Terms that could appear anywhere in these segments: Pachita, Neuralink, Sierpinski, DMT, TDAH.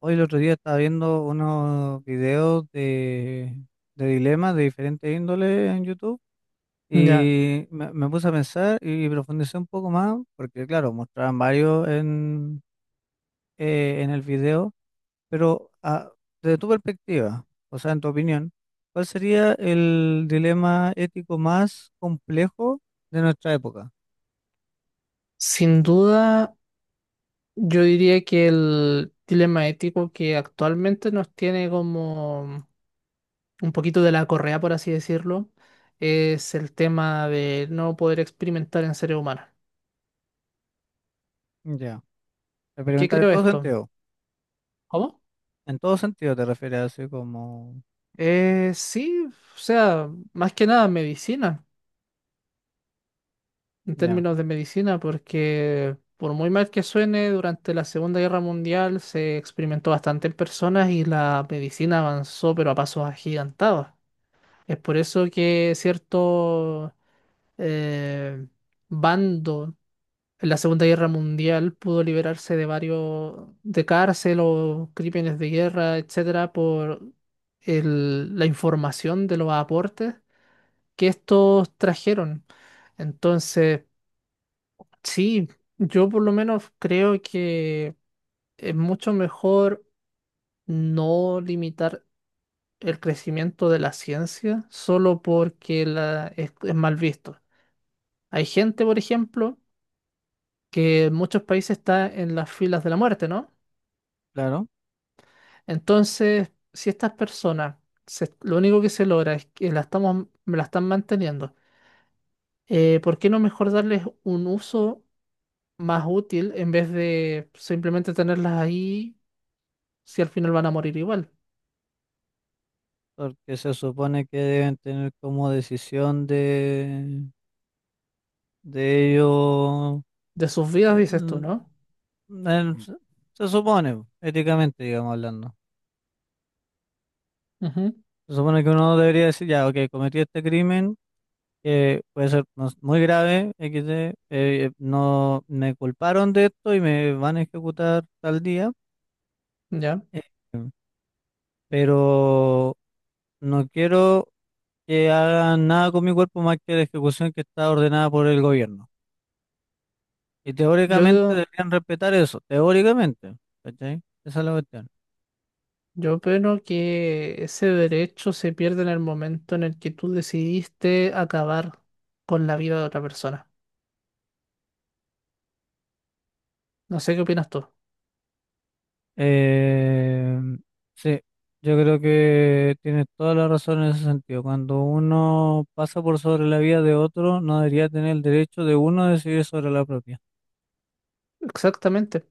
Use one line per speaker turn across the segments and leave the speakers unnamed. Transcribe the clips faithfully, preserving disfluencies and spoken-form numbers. Hoy el otro día estaba viendo unos videos de, de dilemas de diferentes índoles en YouTube
Ya,
y me, me puse a pensar y profundicé un poco más, porque claro, mostraban varios en, eh, en el video, pero ah, desde tu perspectiva, o sea, en tu opinión, ¿cuál sería el dilema ético más complejo de nuestra época?
sin duda, yo diría que el dilema ético que actualmente nos tiene como un poquito de la correa, por así decirlo, es el tema de no poder experimentar en seres humanos.
Ya.
¿Por ¿Qué
Experimentar en
creo
todo
esto?
sentido.
¿Cómo?
En todo sentido te refieres así como,
Eh, sí, o sea, más que nada medicina, en
ya,
términos de medicina, porque por muy mal que suene, durante la Segunda Guerra Mundial se experimentó bastante en personas y la medicina avanzó, pero a pasos agigantados. Es por eso que cierto eh, bando en la Segunda Guerra Mundial pudo liberarse de varios de cárcel o crímenes de guerra, etcétera, por el- la información de los aportes que estos trajeron. Entonces, sí, yo por lo menos creo que es mucho mejor no limitar el crecimiento de la ciencia solo porque la, es es mal visto. Hay gente, por ejemplo, que en muchos países está en las filas de la muerte, ¿no?
claro.
Entonces, si estas personas, se- lo único que se logra es que la estamos, la están manteniendo, eh, ¿por qué no mejor darles un uso más útil en vez de simplemente tenerlas ahí si al final van a morir igual?
Porque se supone que deben tener como decisión de, de ello.
De sus vidas, dices tú,
el-
¿no?
el- se se supone, éticamente, digamos hablando.
Ujú.
Se supone que uno debería decir, ya, ok, cometí este crimen, que puede ser no sé, muy grave, equis de, eh, no me culparon de esto y me van a ejecutar tal día.
Ya.
Eh, pero no quiero que hagan nada con mi cuerpo más que la ejecución que está ordenada por el gobierno. Y teóricamente
Yo,
deberían respetar eso, teóricamente, ¿cachai? Esa es la cuestión.
yo opino que ese derecho se pierde en el momento en el que tú decidiste acabar con la vida de otra persona. No sé qué opinas tú.
Eh, sí, yo creo que tienes toda la razón en ese sentido. Cuando uno pasa por sobre la vida de otro, no debería tener el derecho de uno a decidir sobre la propia.
Exactamente.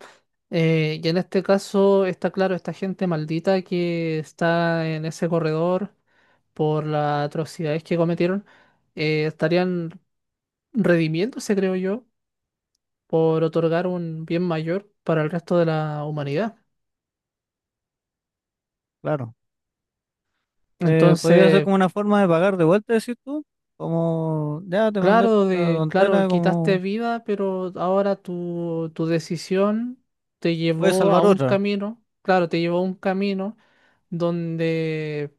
Eh, y en este caso está claro, esta gente maldita que está en ese corredor por las atrocidades que cometieron, eh, estarían redimiéndose, creo yo, por otorgar un bien mayor para el resto de la humanidad.
Claro. Eh, podría ser
Entonces,
como una forma de pagar de vuelta, decir tú, como ya te mandé esta
claro, de, claro,
tontera,
quitaste
como
vida, pero ahora tu, tu decisión te
puedes
llevó a
salvar
un
otra.
camino, claro, te llevó a un camino donde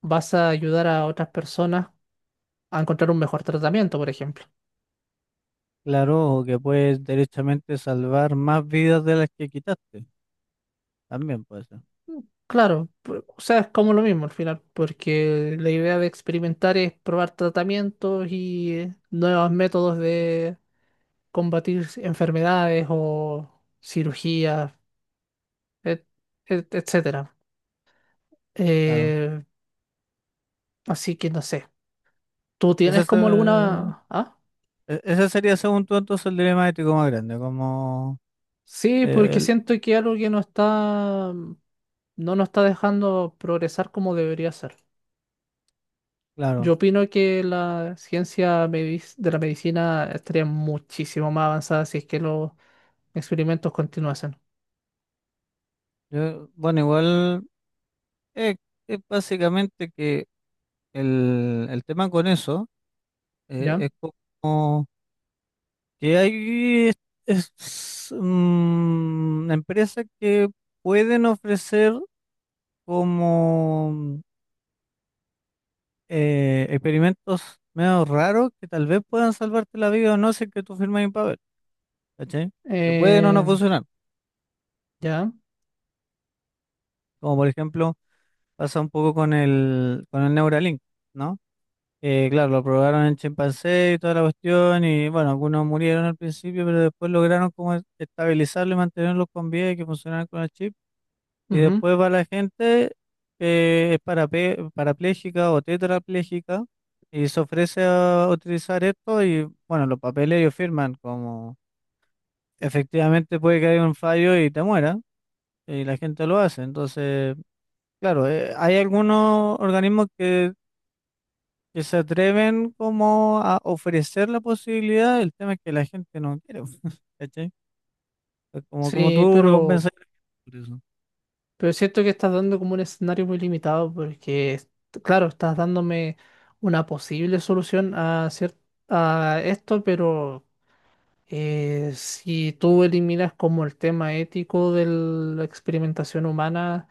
vas a ayudar a otras personas a encontrar un mejor tratamiento, por ejemplo.
Claro, o que puedes derechamente salvar más vidas de las que quitaste. También puede ser.
Claro, por... o sea, es como lo mismo al final, porque la idea de experimentar es probar tratamientos y eh, nuevos métodos de combatir enfermedades o cirugías, et- et- etcétera.
Claro.
Eh, Así que no sé. ¿Tú
Ese,
tienes como
se-
alguna... Ah,
e- ese sería, según tú, entonces el dilema ético más grande, como,
sí,
eh,
porque
el-
siento que algo que no está... no nos está dejando progresar como debería ser.
claro,
Yo opino que la ciencia medic- de la medicina estaría muchísimo más avanzada si es que los experimentos continuasen.
yo- bueno, igual eh, es, básicamente que el, el tema con eso eh,
¿Ya?
es como que hay es- mm, empresas que pueden ofrecer como eh, experimentos medio raros que tal vez puedan salvarte la vida o no si es que tú firmas un papel, ¿cachai? Que pueden o no
Eh,
funcionar,
¿ya?
como por ejemplo pasa un poco con el, con el Neuralink, ¿no? Eh, claro, lo probaron en chimpancé y toda la cuestión, y bueno, algunos murieron al principio, pero después lograron como es- estabilizarlo y mantenerlos con vida y que funcionaran con el chip. Y
Ujú.
después va la gente que es parape- parapléjica o tetrapléjica y se ofrece a utilizar esto y bueno, los papeles ellos firman como efectivamente puede que haya un fallo y te muera, y la gente lo hace. Entonces... Claro, eh, hay algunos organismos que que se atreven como a ofrecer la posibilidad, el tema es que la gente no quiere, ¿cachai? Es como, como
Sí,
tú recompensas
pero,
a la gente por eso.
pero es cierto que estás dando como un escenario muy limitado porque, es- claro, estás dándome una posible solución a, cier- a esto, pero Eh, si tú eliminas como el tema ético de la experimentación humana,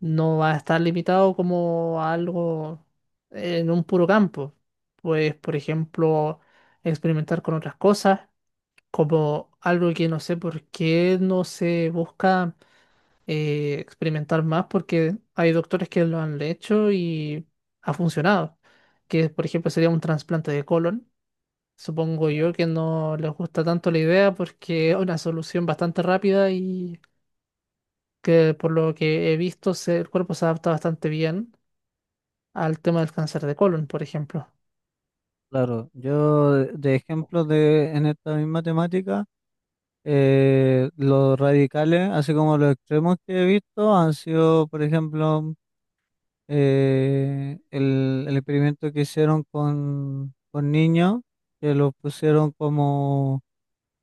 no va a estar limitado como a algo en un puro campo. Pues, por ejemplo, experimentar con otras cosas, como algo que no sé por qué no se busca eh, experimentar más, porque hay doctores que lo han hecho y ha funcionado. Que, por ejemplo, sería un trasplante de colon. Supongo yo que no les gusta tanto la idea porque es una solución bastante rápida y que por lo que he visto se- el cuerpo se adapta bastante bien al tema del cáncer de colon, por ejemplo.
Claro, yo de de ejemplo de en esta misma temática, eh, los radicales, así como los extremos que he visto, han sido, por ejemplo, eh, el, el experimento que hicieron con, con niños, que los pusieron como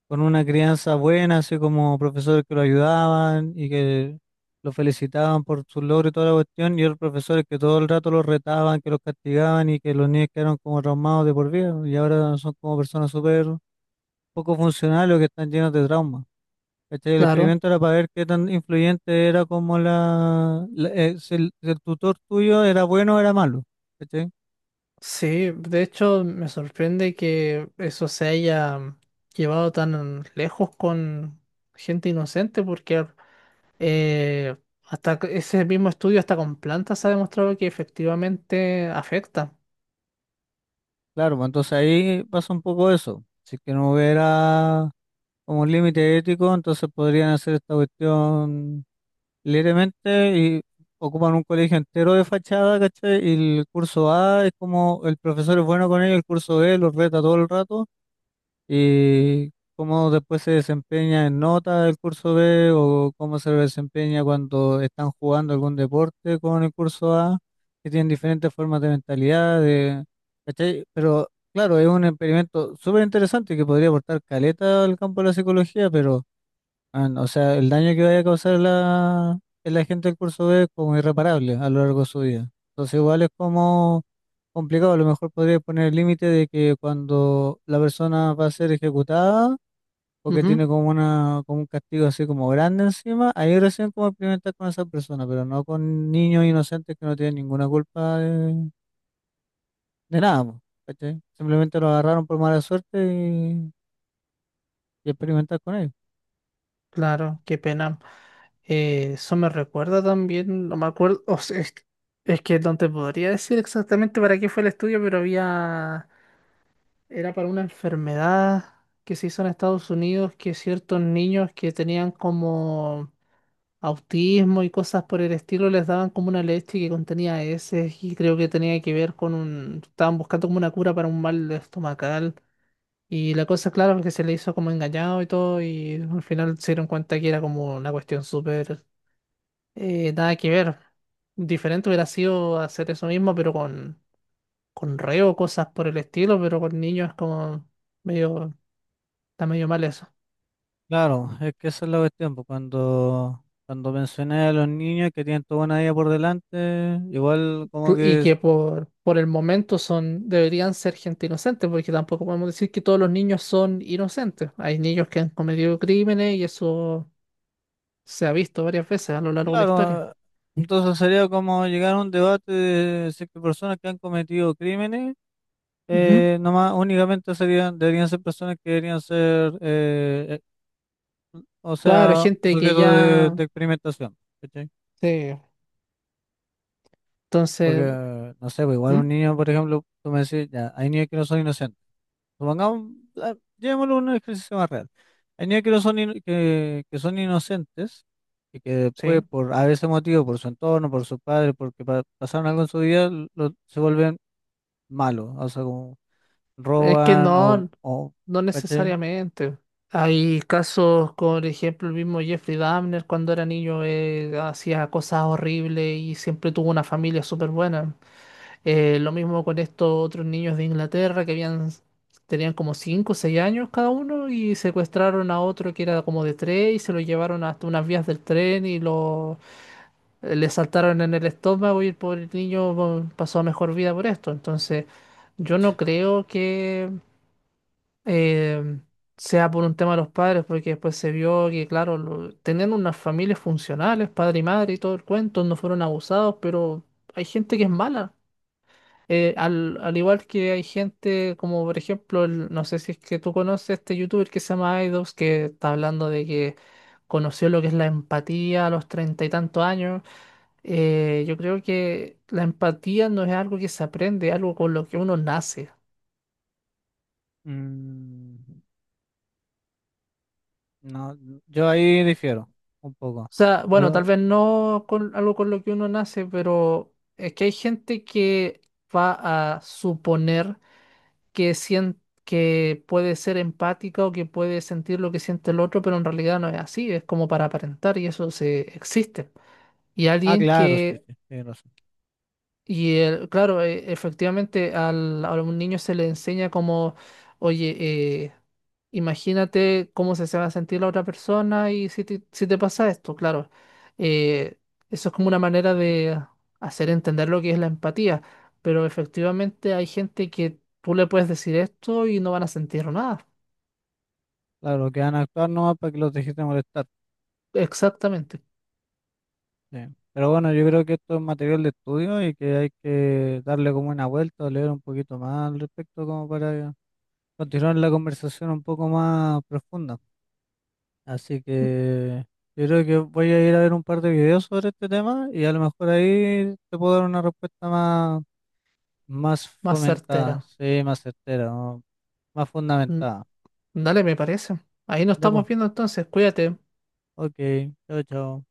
con una crianza buena, así como profesores que lo ayudaban y que lo felicitaban por sus logros y toda la cuestión, y otros profesores que todo el rato los retaban, que los castigaban y que los niños quedaron como traumados de por vida, y ahora son como personas súper poco funcionales o que están llenos de trauma. ¿Cachai? El
Claro,
experimento era para ver qué tan influyente era como la, la- eh, si el, si el tutor tuyo era bueno o era malo. ¿Cachai?
sí, de hecho me sorprende que eso se haya llevado tan lejos con gente inocente porque eh, hasta que- ese mismo estudio hasta con plantas ha demostrado que efectivamente afecta.
Claro, pues entonces ahí pasa un poco eso. Si es que no hubiera como un límite ético, entonces podrían hacer esta cuestión libremente y ocupan un colegio entero de fachada, ¿cachai? Y el curso A es como el profesor es bueno con ellos, el curso B los reta todo el rato y cómo después se desempeña en nota el curso B o cómo se desempeña cuando están jugando algún deporte con el curso A, que tienen diferentes formas de mentalidad, de, ¿cachai? Pero claro, es un experimento súper interesante que podría aportar caleta al campo de la psicología, pero ah, no, o sea, el daño que vaya a causar la, en la gente del curso B es como irreparable a lo largo de su vida. Entonces, igual es como complicado. A lo mejor podría poner el límite de que cuando la persona va a ser ejecutada o que tiene como una, como un castigo así como grande encima, ahí recién como experimentar con esa persona, pero no con niños inocentes que no tienen ninguna culpa de, de nada, po, ¿cachai? Simplemente lo agarraron por mala suerte y, y experimentar con ellos.
Claro, qué pena. Eh, eso me recuerda también, no me acuerdo, o sea, es, es que no te podría decir exactamente para qué fue el estudio, pero había, era para una enfermedad que se hizo en Estados Unidos, que ciertos niños que tenían como autismo y cosas por el estilo les daban como una leche que contenía heces y creo que tenía que ver con un, estaban buscando como una cura para un mal estomacal. Y la cosa, claro, es que se le hizo como engañado y todo, y al final se dieron cuenta que era como una cuestión súper eh, nada que ver. Diferente hubiera sido hacer eso mismo, pero con, con reo, cosas por el estilo, pero con niños es como medio, está medio mal eso.
Claro, es que esa es la cuestión, pues, cuando, cuando mencioné a los niños que tienen toda una vida por delante, igual como
Cl- Y
que, es-
que por, por el momento son, deberían ser gente inocente, porque tampoco podemos decir que todos los niños son inocentes. Hay niños que han cometido crímenes y eso se ha visto varias veces a lo largo de la historia.
claro, entonces sería como llegar a un debate de si es que personas que han cometido crímenes,
Ujú.
eh, nomás únicamente serían, deberían ser personas que deberían ser, eh, eh, o
Claro,
sea,
gente que
sujetos de,
ya.
de experimentación, ¿cachai?
Sí,
Porque,
entonces,
no sé, pues, igual un
¿mm?
niño, por ejemplo, tú me decís, ya, hay niños que no son inocentes. Supongamos, ah, llevémoslo a un ejercicio más real. Hay niños que, no son, in- que, que son inocentes y que después,
Sí,
por a veces motivo, por su entorno, por sus padres, porque pa- pasaron algo en su vida, lo- se vuelven malos. O sea, como
es que
roban o,
no,
o
no
¿cachai?
necesariamente. Hay casos, como por ejemplo el mismo Jeffrey Dahmer, cuando era niño eh, hacía cosas horribles y siempre tuvo una familia súper buena. Eh, lo mismo con estos otros niños de Inglaterra que habían, tenían como cinco o seis años cada uno y secuestraron a otro que era como de tres y se lo llevaron hasta unas vías del tren y lo, le saltaron en el estómago y el pobre niño bueno, pasó a mejor vida por esto. Entonces, yo no creo que eh, sea por un tema de los padres, porque después se vio que, claro, lo- tenían unas familias funcionales, padre y madre y todo el cuento, no fueron abusados, pero hay gente que es mala. Eh, al, al igual que hay gente como por ejemplo, el- no sé si es que tú conoces este youtuber que se llama Aidos que está hablando de que conoció lo que es la empatía a los treinta y tantos años. eh, yo creo que la empatía no es algo que se aprende, es algo con lo que uno nace.
Mm, no, yo ahí difiero un poco.
O sea, bueno, tal
Pero,
vez no con algo con lo que uno nace, pero es que hay gente que va a suponer que sien- que puede ser empática o que puede sentir lo que siente el otro, pero en realidad no es así, es como para aparentar y eso se existe. Y
ah,
alguien
claro, sí,
que.
sí, tienes razón.
Y el- claro, e- efectivamente al, a un niño se le enseña como, oye, eh, imagínate cómo se, se va a sentir la otra persona y si te, si te pasa esto, claro. Eh, eso es como una manera de hacer entender lo que es la empatía, pero efectivamente hay gente que tú le puedes decir esto y no van a sentir nada.
Claro, que van a actuar nomás para que los dejes de molestar.
Exactamente,
Sí. Pero bueno, yo creo que esto es material de estudio y que hay que darle como una vuelta, leer un poquito más al respecto como para continuar la conversación un poco más profunda. Así que yo creo que voy a ir a ver un par de videos sobre este tema y a lo mejor ahí te puedo dar una respuesta más, más
más
fomentada,
certera.
sí, más certera, ¿no? Más
Mm.
fundamentada.
Dale, me parece. Ahí nos
Ya pues,
estamos viendo entonces, cuídate.
ok, chao, chao.